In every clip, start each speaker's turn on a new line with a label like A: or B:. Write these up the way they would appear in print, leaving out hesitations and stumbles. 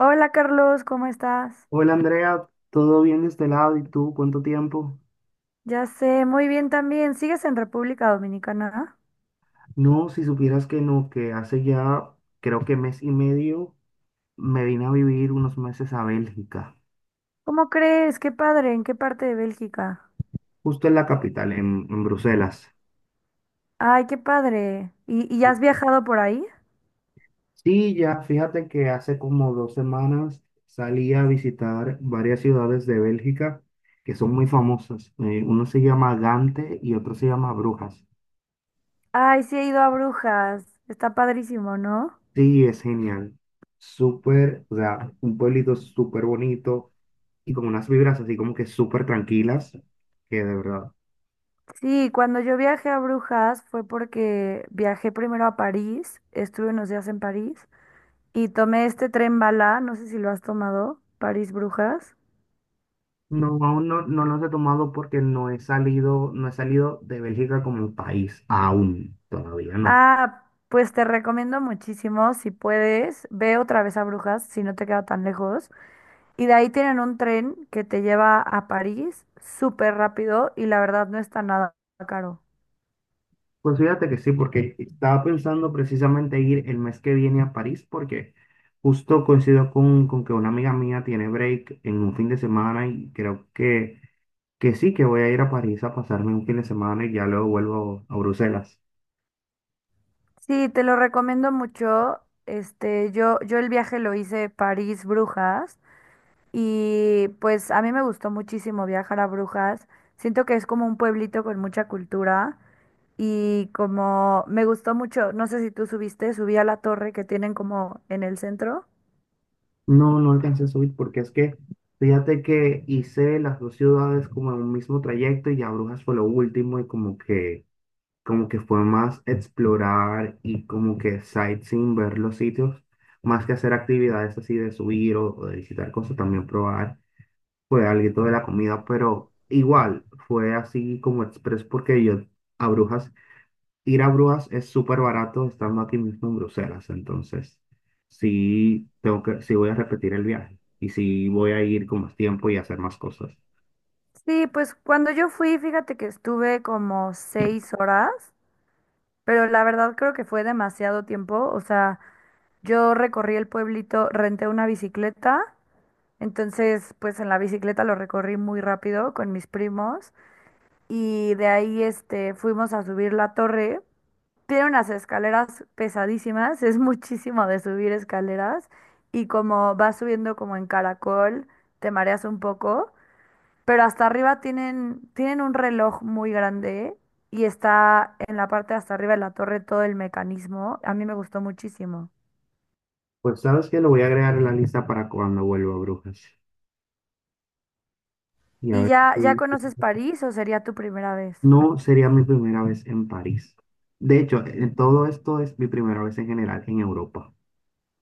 A: Hola Carlos, ¿cómo estás?
B: Hola Andrea, ¿todo bien de este lado? ¿Y tú cuánto tiempo?
A: Ya sé, muy bien también. ¿Sigues en República Dominicana?
B: No, si supieras que no, que hace ya creo que mes y medio me vine a vivir unos meses a Bélgica,
A: ¿Cómo crees? Qué padre, ¿en qué parte de Bélgica?
B: justo en la capital, en Bruselas.
A: Ay, qué padre. ¿Y has viajado por ahí?
B: Sí, ya fíjate que hace como 2 semanas salí a visitar varias ciudades de Bélgica que son muy famosas. Uno se llama Gante y otro se llama Brujas.
A: Ay, sí he ido a Brujas. Está padrísimo, ¿no?
B: Sí, es genial. Súper, o sea, un pueblito súper bonito, y con unas vibras así como que súper tranquilas, que de verdad.
A: Sí, cuando yo viajé a Brujas fue porque viajé primero a París, estuve unos días en París y tomé este tren bala, no sé si lo has tomado, París-Brujas.
B: No, aún no, no los he tomado porque no he salido de Bélgica como país, aún, todavía no.
A: Ah, pues te recomiendo muchísimo, si puedes, ve otra vez a Brujas, si no te queda tan lejos. Y de ahí tienen un tren que te lleva a París súper rápido y la verdad no está nada caro.
B: Pues fíjate que sí, porque estaba pensando precisamente ir el mes que viene a París, porque justo coincido con que una amiga mía tiene break en un fin de semana y creo que sí, que voy a ir a París a pasarme un fin de semana y ya luego vuelvo a Bruselas.
A: Sí, te lo recomiendo mucho. Este, yo el viaje lo hice París-Brujas y pues a mí me gustó muchísimo viajar a Brujas. Siento que es como un pueblito con mucha cultura. Y como me gustó mucho, no sé si tú subiste, subí a la torre que tienen como en el centro.
B: No, no alcancé a subir porque es que fíjate que hice las dos ciudades como en un mismo trayecto y ya Brujas fue lo último y como que fue más explorar y como que sightseeing, ver los sitios, más que hacer actividades así de subir o de visitar cosas, también probar, fue algo de la comida, pero igual fue así como express porque yo a Brujas ir a Brujas es súper barato estando aquí mismo en Bruselas, entonces sí tengo que, sí voy a repetir el viaje y sí voy a ir con más tiempo y hacer más cosas.
A: Sí, pues cuando yo fui, fíjate que estuve como 6 horas, pero la verdad creo que fue demasiado tiempo. O sea, yo recorrí el pueblito, renté una bicicleta, entonces pues en la bicicleta lo recorrí muy rápido con mis primos y de ahí este fuimos a subir la torre. Tiene unas escaleras pesadísimas, es muchísimo de subir escaleras y como vas subiendo como en caracol, te mareas un poco, pero hasta arriba tienen un reloj muy grande y está en la parte de hasta arriba de la torre todo el mecanismo. A mí me gustó muchísimo.
B: Pues sabes que lo voy a agregar en la lista para cuando vuelva a Brujas. Y a
A: ¿Y
B: ver,
A: ya conoces París o sería tu primera vez?
B: no sería mi primera vez en París. De hecho, en todo esto es mi primera vez en general en Europa.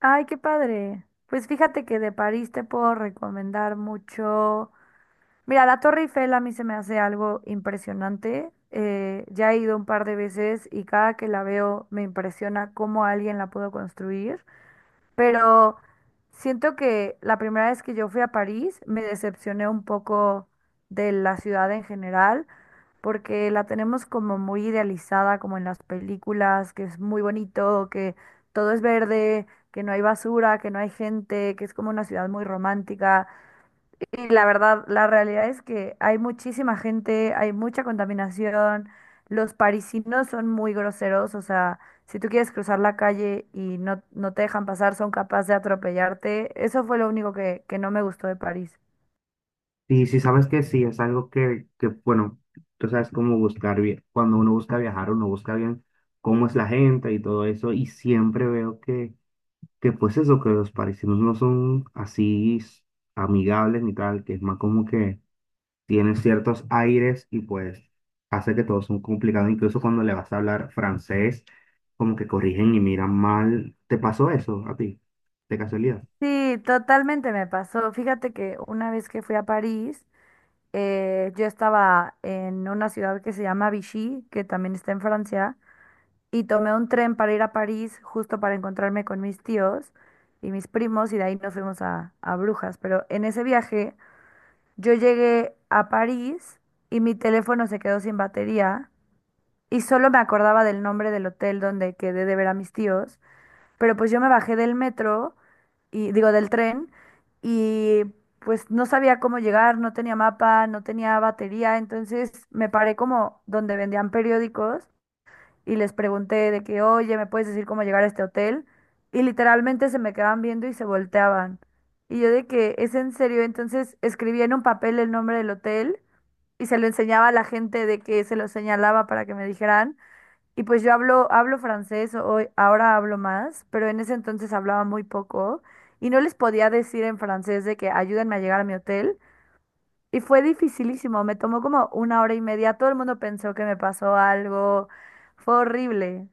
A: Ay, qué padre. Pues fíjate que de París te puedo recomendar mucho. Mira, la Torre Eiffel a mí se me hace algo impresionante. Ya he ido un par de veces y cada que la veo me impresiona cómo alguien la pudo construir. Pero siento que la primera vez que yo fui a París me decepcioné un poco de la ciudad en general, porque la tenemos como muy idealizada, como en las películas, que es muy bonito, que todo es verde, que no hay basura, que no hay gente, que es como una ciudad muy romántica. Y la verdad, la realidad es que hay muchísima gente, hay mucha contaminación, los parisinos son muy groseros, o sea, si tú quieres cruzar la calle y no, no te dejan pasar, son capaces de atropellarte. Eso fue lo único que no me gustó de París.
B: Y si sabes que sí, es algo que bueno, tú sabes cómo buscar bien. Cuando uno busca viajar, uno busca bien cómo es la gente y todo eso. Y siempre veo que pues eso, que los parisinos no son así amigables ni tal, que es más como que tienen ciertos aires y pues hace que todo son complicado, incluso cuando le vas a hablar francés, como que corrigen y miran mal. ¿Te pasó eso a ti? De casualidad.
A: Sí, totalmente me pasó. Fíjate que una vez que fui a París, yo estaba en una ciudad que se llama Vichy, que también está en Francia. Y tomé un tren para ir a París justo para encontrarme con mis tíos y mis primos y de ahí nos fuimos a Brujas. Pero en ese viaje yo llegué a París y mi teléfono se quedó sin batería y solo me acordaba del nombre del hotel donde quedé de ver a mis tíos. Pero pues yo me bajé del metro y digo del tren y pues no sabía cómo llegar, no tenía mapa, no tenía batería, entonces me paré como donde vendían periódicos y les pregunté de que, oye, ¿me puedes decir cómo llegar a este hotel? Y literalmente se me quedaban viendo y se volteaban. Y yo de que, ¿es en serio? Entonces escribía en un papel el nombre del hotel y se lo enseñaba a la gente de que se lo señalaba para que me dijeran. Y pues yo hablo francés, hoy, ahora hablo más, pero en ese entonces hablaba muy poco y no les podía decir en francés de que ayúdenme a llegar a mi hotel. Y fue dificilísimo, me tomó como 1 hora y media, todo el mundo pensó que me pasó algo, fue horrible.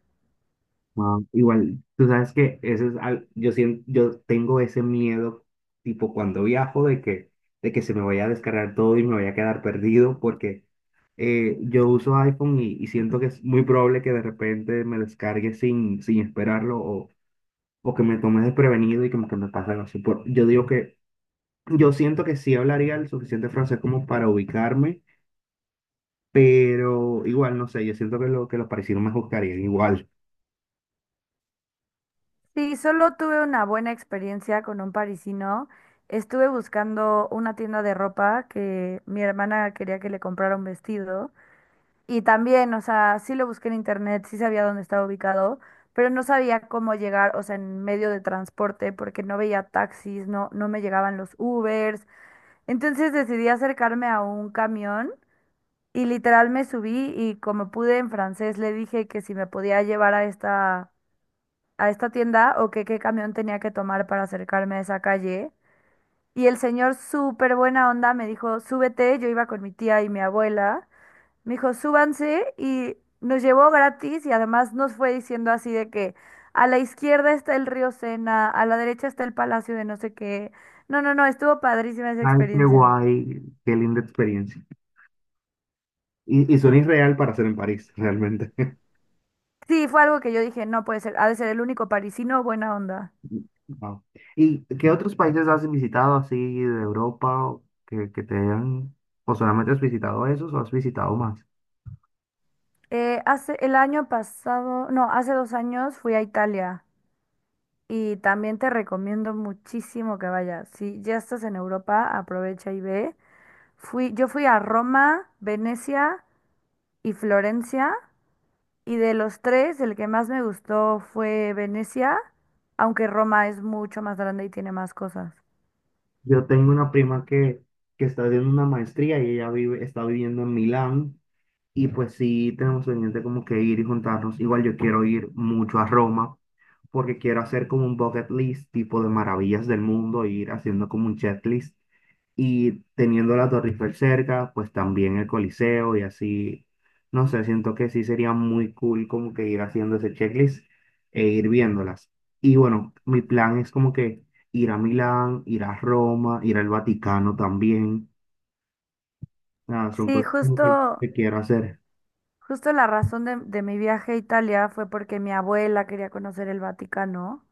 B: Ah, igual, tú sabes que ese es yo tengo ese miedo, tipo cuando viajo, de que se me vaya a descargar todo y me vaya a quedar perdido, porque yo uso iPhone y siento que es muy probable que de repente me descargue sin esperarlo o que me tome desprevenido y como que me pase algo así. Yo siento que sí hablaría el suficiente francés como para ubicarme, pero igual, no sé, yo siento que los parisinos me juzgarían igual.
A: Sí, solo tuve una buena experiencia con un parisino. Estuve buscando una tienda de ropa que mi hermana quería que le comprara un vestido. Y también, o sea, sí lo busqué en internet, sí sabía dónde estaba ubicado, pero no sabía cómo llegar, o sea, en medio de transporte, porque no veía taxis, no, no me llegaban los Ubers. Entonces decidí acercarme a un camión y literal me subí y como pude en francés le dije que si me podía llevar a esta tienda o que qué camión tenía que tomar para acercarme a esa calle. Y el señor, súper buena onda, me dijo, súbete, yo iba con mi tía y mi abuela, me dijo, súbanse y nos llevó gratis y además nos fue diciendo así de que a la izquierda está el río Sena, a la derecha está el palacio de no sé qué. No, no, no, estuvo padrísima esa
B: Ay, qué
A: experiencia.
B: guay, qué linda experiencia. Y suena irreal para hacer en París, realmente.
A: Sí, fue algo que yo dije, no puede ser, ha de ser el único parisino buena onda.
B: Wow. ¿Y qué otros países has visitado así de Europa o que te hayan, o solamente has visitado esos o has visitado más?
A: Hace el año pasado, no, hace 2 años fui a Italia. Y también te recomiendo muchísimo que vayas. Si ya estás en Europa, aprovecha y ve. Fui, yo fui a Roma, Venecia y Florencia, y de los tres, el que más me gustó fue Venecia, aunque Roma es mucho más grande y tiene más cosas.
B: Yo tengo una prima que está haciendo una maestría y está viviendo en Milán. Y pues sí, tenemos pendiente como que ir y juntarnos. Igual yo quiero ir mucho a Roma porque quiero hacer como un bucket list tipo de maravillas del mundo, e ir haciendo como un checklist y teniendo la Torre Eiffel cerca, pues también el Coliseo y así. No sé, siento que sí sería muy cool como que ir haciendo ese checklist e ir viéndolas. Y bueno, mi plan es como que ir a Milán, ir a Roma, ir al Vaticano también. Nada, son
A: Sí,
B: cosas como que,
A: justo
B: que quiero hacer.
A: Justo la razón de mi viaje a Italia fue porque mi abuela quería conocer el Vaticano.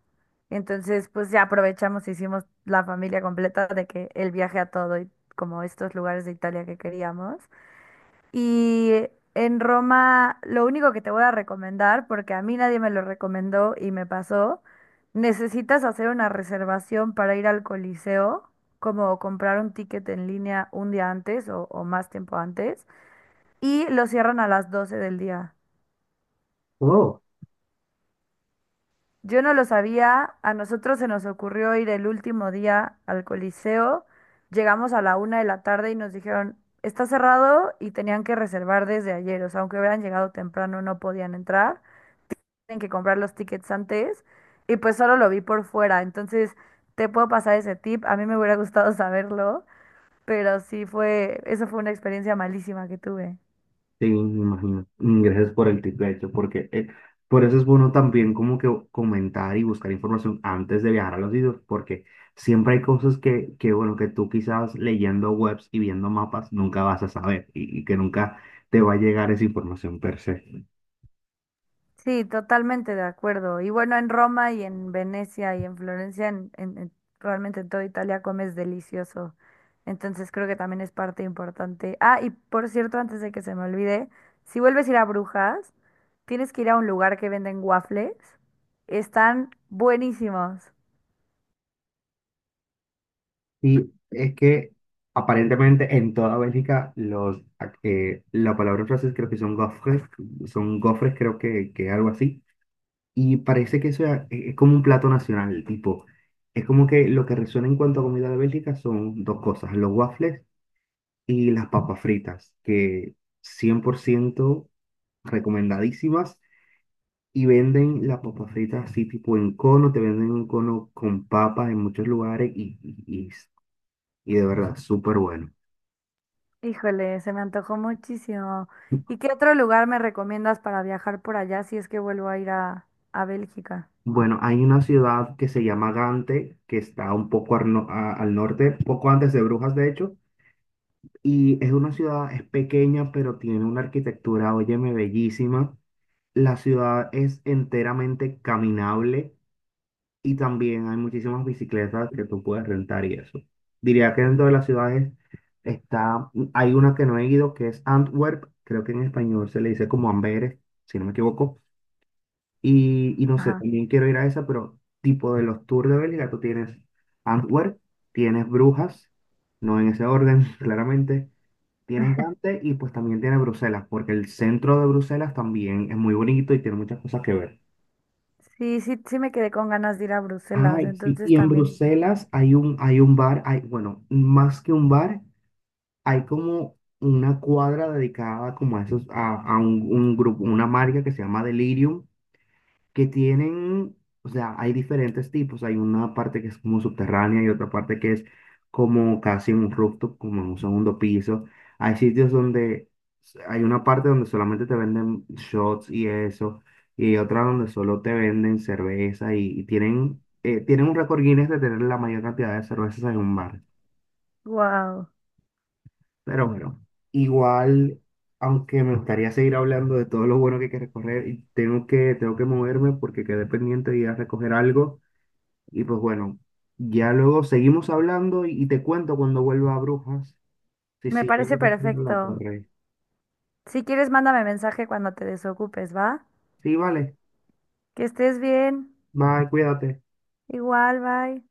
A: Entonces, pues ya aprovechamos, hicimos la familia completa de que el viaje a todo y como estos lugares de Italia que queríamos. Y en Roma, lo único que te voy a recomendar, porque a mí nadie me lo recomendó y me pasó, necesitas hacer una reservación para ir al Coliseo, como comprar un ticket en línea un día antes o más tiempo antes, y lo cierran a las 12 del día.
B: Oh.
A: Yo no lo sabía, a nosotros se nos ocurrió ir el último día al Coliseo, llegamos a la 1 de la tarde y nos dijeron, está cerrado y tenían que reservar desde ayer, o sea, aunque hubieran llegado temprano no podían entrar, tienen que comprar los tickets antes y pues solo lo vi por fuera, entonces te puedo pasar ese tip, a mí me hubiera gustado saberlo, pero sí fue, eso fue una experiencia malísima que tuve.
B: Sí, me imagino. Gracias por el tip, de hecho, porque por eso es bueno también como que comentar y buscar información antes de viajar a los sitios, porque siempre hay cosas que, bueno, que tú quizás leyendo webs y viendo mapas nunca vas a saber y que nunca te va a llegar esa información per se.
A: Sí, totalmente de acuerdo. Y bueno, en Roma y en Venecia y en Florencia, realmente en toda Italia comes delicioso. Entonces creo que también es parte importante. Ah, y por cierto, antes de que se me olvide, si vuelves a ir a Brujas, tienes que ir a un lugar que venden waffles. Están buenísimos.
B: Y es que aparentemente en toda Bélgica la palabra en francés creo que son gofres, creo que algo así. Y parece que eso es como un plato nacional, tipo. Es como que lo que resuena en cuanto a comida de Bélgica son dos cosas, los waffles y las papas fritas, que 100% recomendadísimas. Y venden las papas fritas así tipo en cono, te venden un cono con papas en muchos lugares y de verdad, súper bueno.
A: Híjole, se me antojó muchísimo. ¿Y qué otro lugar me recomiendas para viajar por allá si es que vuelvo a ir a Bélgica?
B: Bueno, hay una ciudad que se llama Gante, que está un poco al, no- a- al norte, poco antes de Brujas, de hecho. Y es una ciudad, es pequeña, pero tiene una arquitectura, óyeme, bellísima. La ciudad es enteramente caminable y también hay muchísimas bicicletas que tú puedes rentar y eso. Diría que dentro de las ciudades hay una que no he ido, que es Antwerp, creo que en español se le dice como Amberes, si no me equivoco. Y no sé,
A: Ajá.
B: también quiero ir a esa, pero tipo de los tours de Bélgica, tú tienes Antwerp, tienes Brujas, no en ese orden, claramente. Tienes Dante y pues también tiene Bruselas, porque el centro de Bruselas también es muy bonito y tiene muchas cosas que ver.
A: Sí, sí, sí me quedé con ganas de ir a Bruselas,
B: Ay, sí,
A: entonces
B: y en
A: también,
B: Bruselas hay un, bar, hay, bueno, más que un bar, hay como una cuadra dedicada como a un grupo, una marca que se llama Delirium, que tienen, o sea, hay diferentes tipos. Hay una parte que es como subterránea y otra parte que es como casi en un rooftop, como en un segundo piso. Hay sitios donde hay una parte donde solamente te venden shots y eso, y hay otra donde solo te venden cerveza y tienen un récord Guinness de tener la mayor cantidad de cervezas en un bar.
A: wow,
B: Pero bueno, igual. Aunque me gustaría seguir hablando y pues bueno, ya luego seguimos hablando y te cuento cuando vuelva a Brujas. Sí,
A: me
B: sí, yo
A: parece
B: voy a hacer la
A: perfecto.
B: torre.
A: Si quieres, mándame mensaje cuando te desocupes, ¿va?
B: Sí, vale.
A: Que estés bien,
B: Bye, cuídate.
A: igual, bye.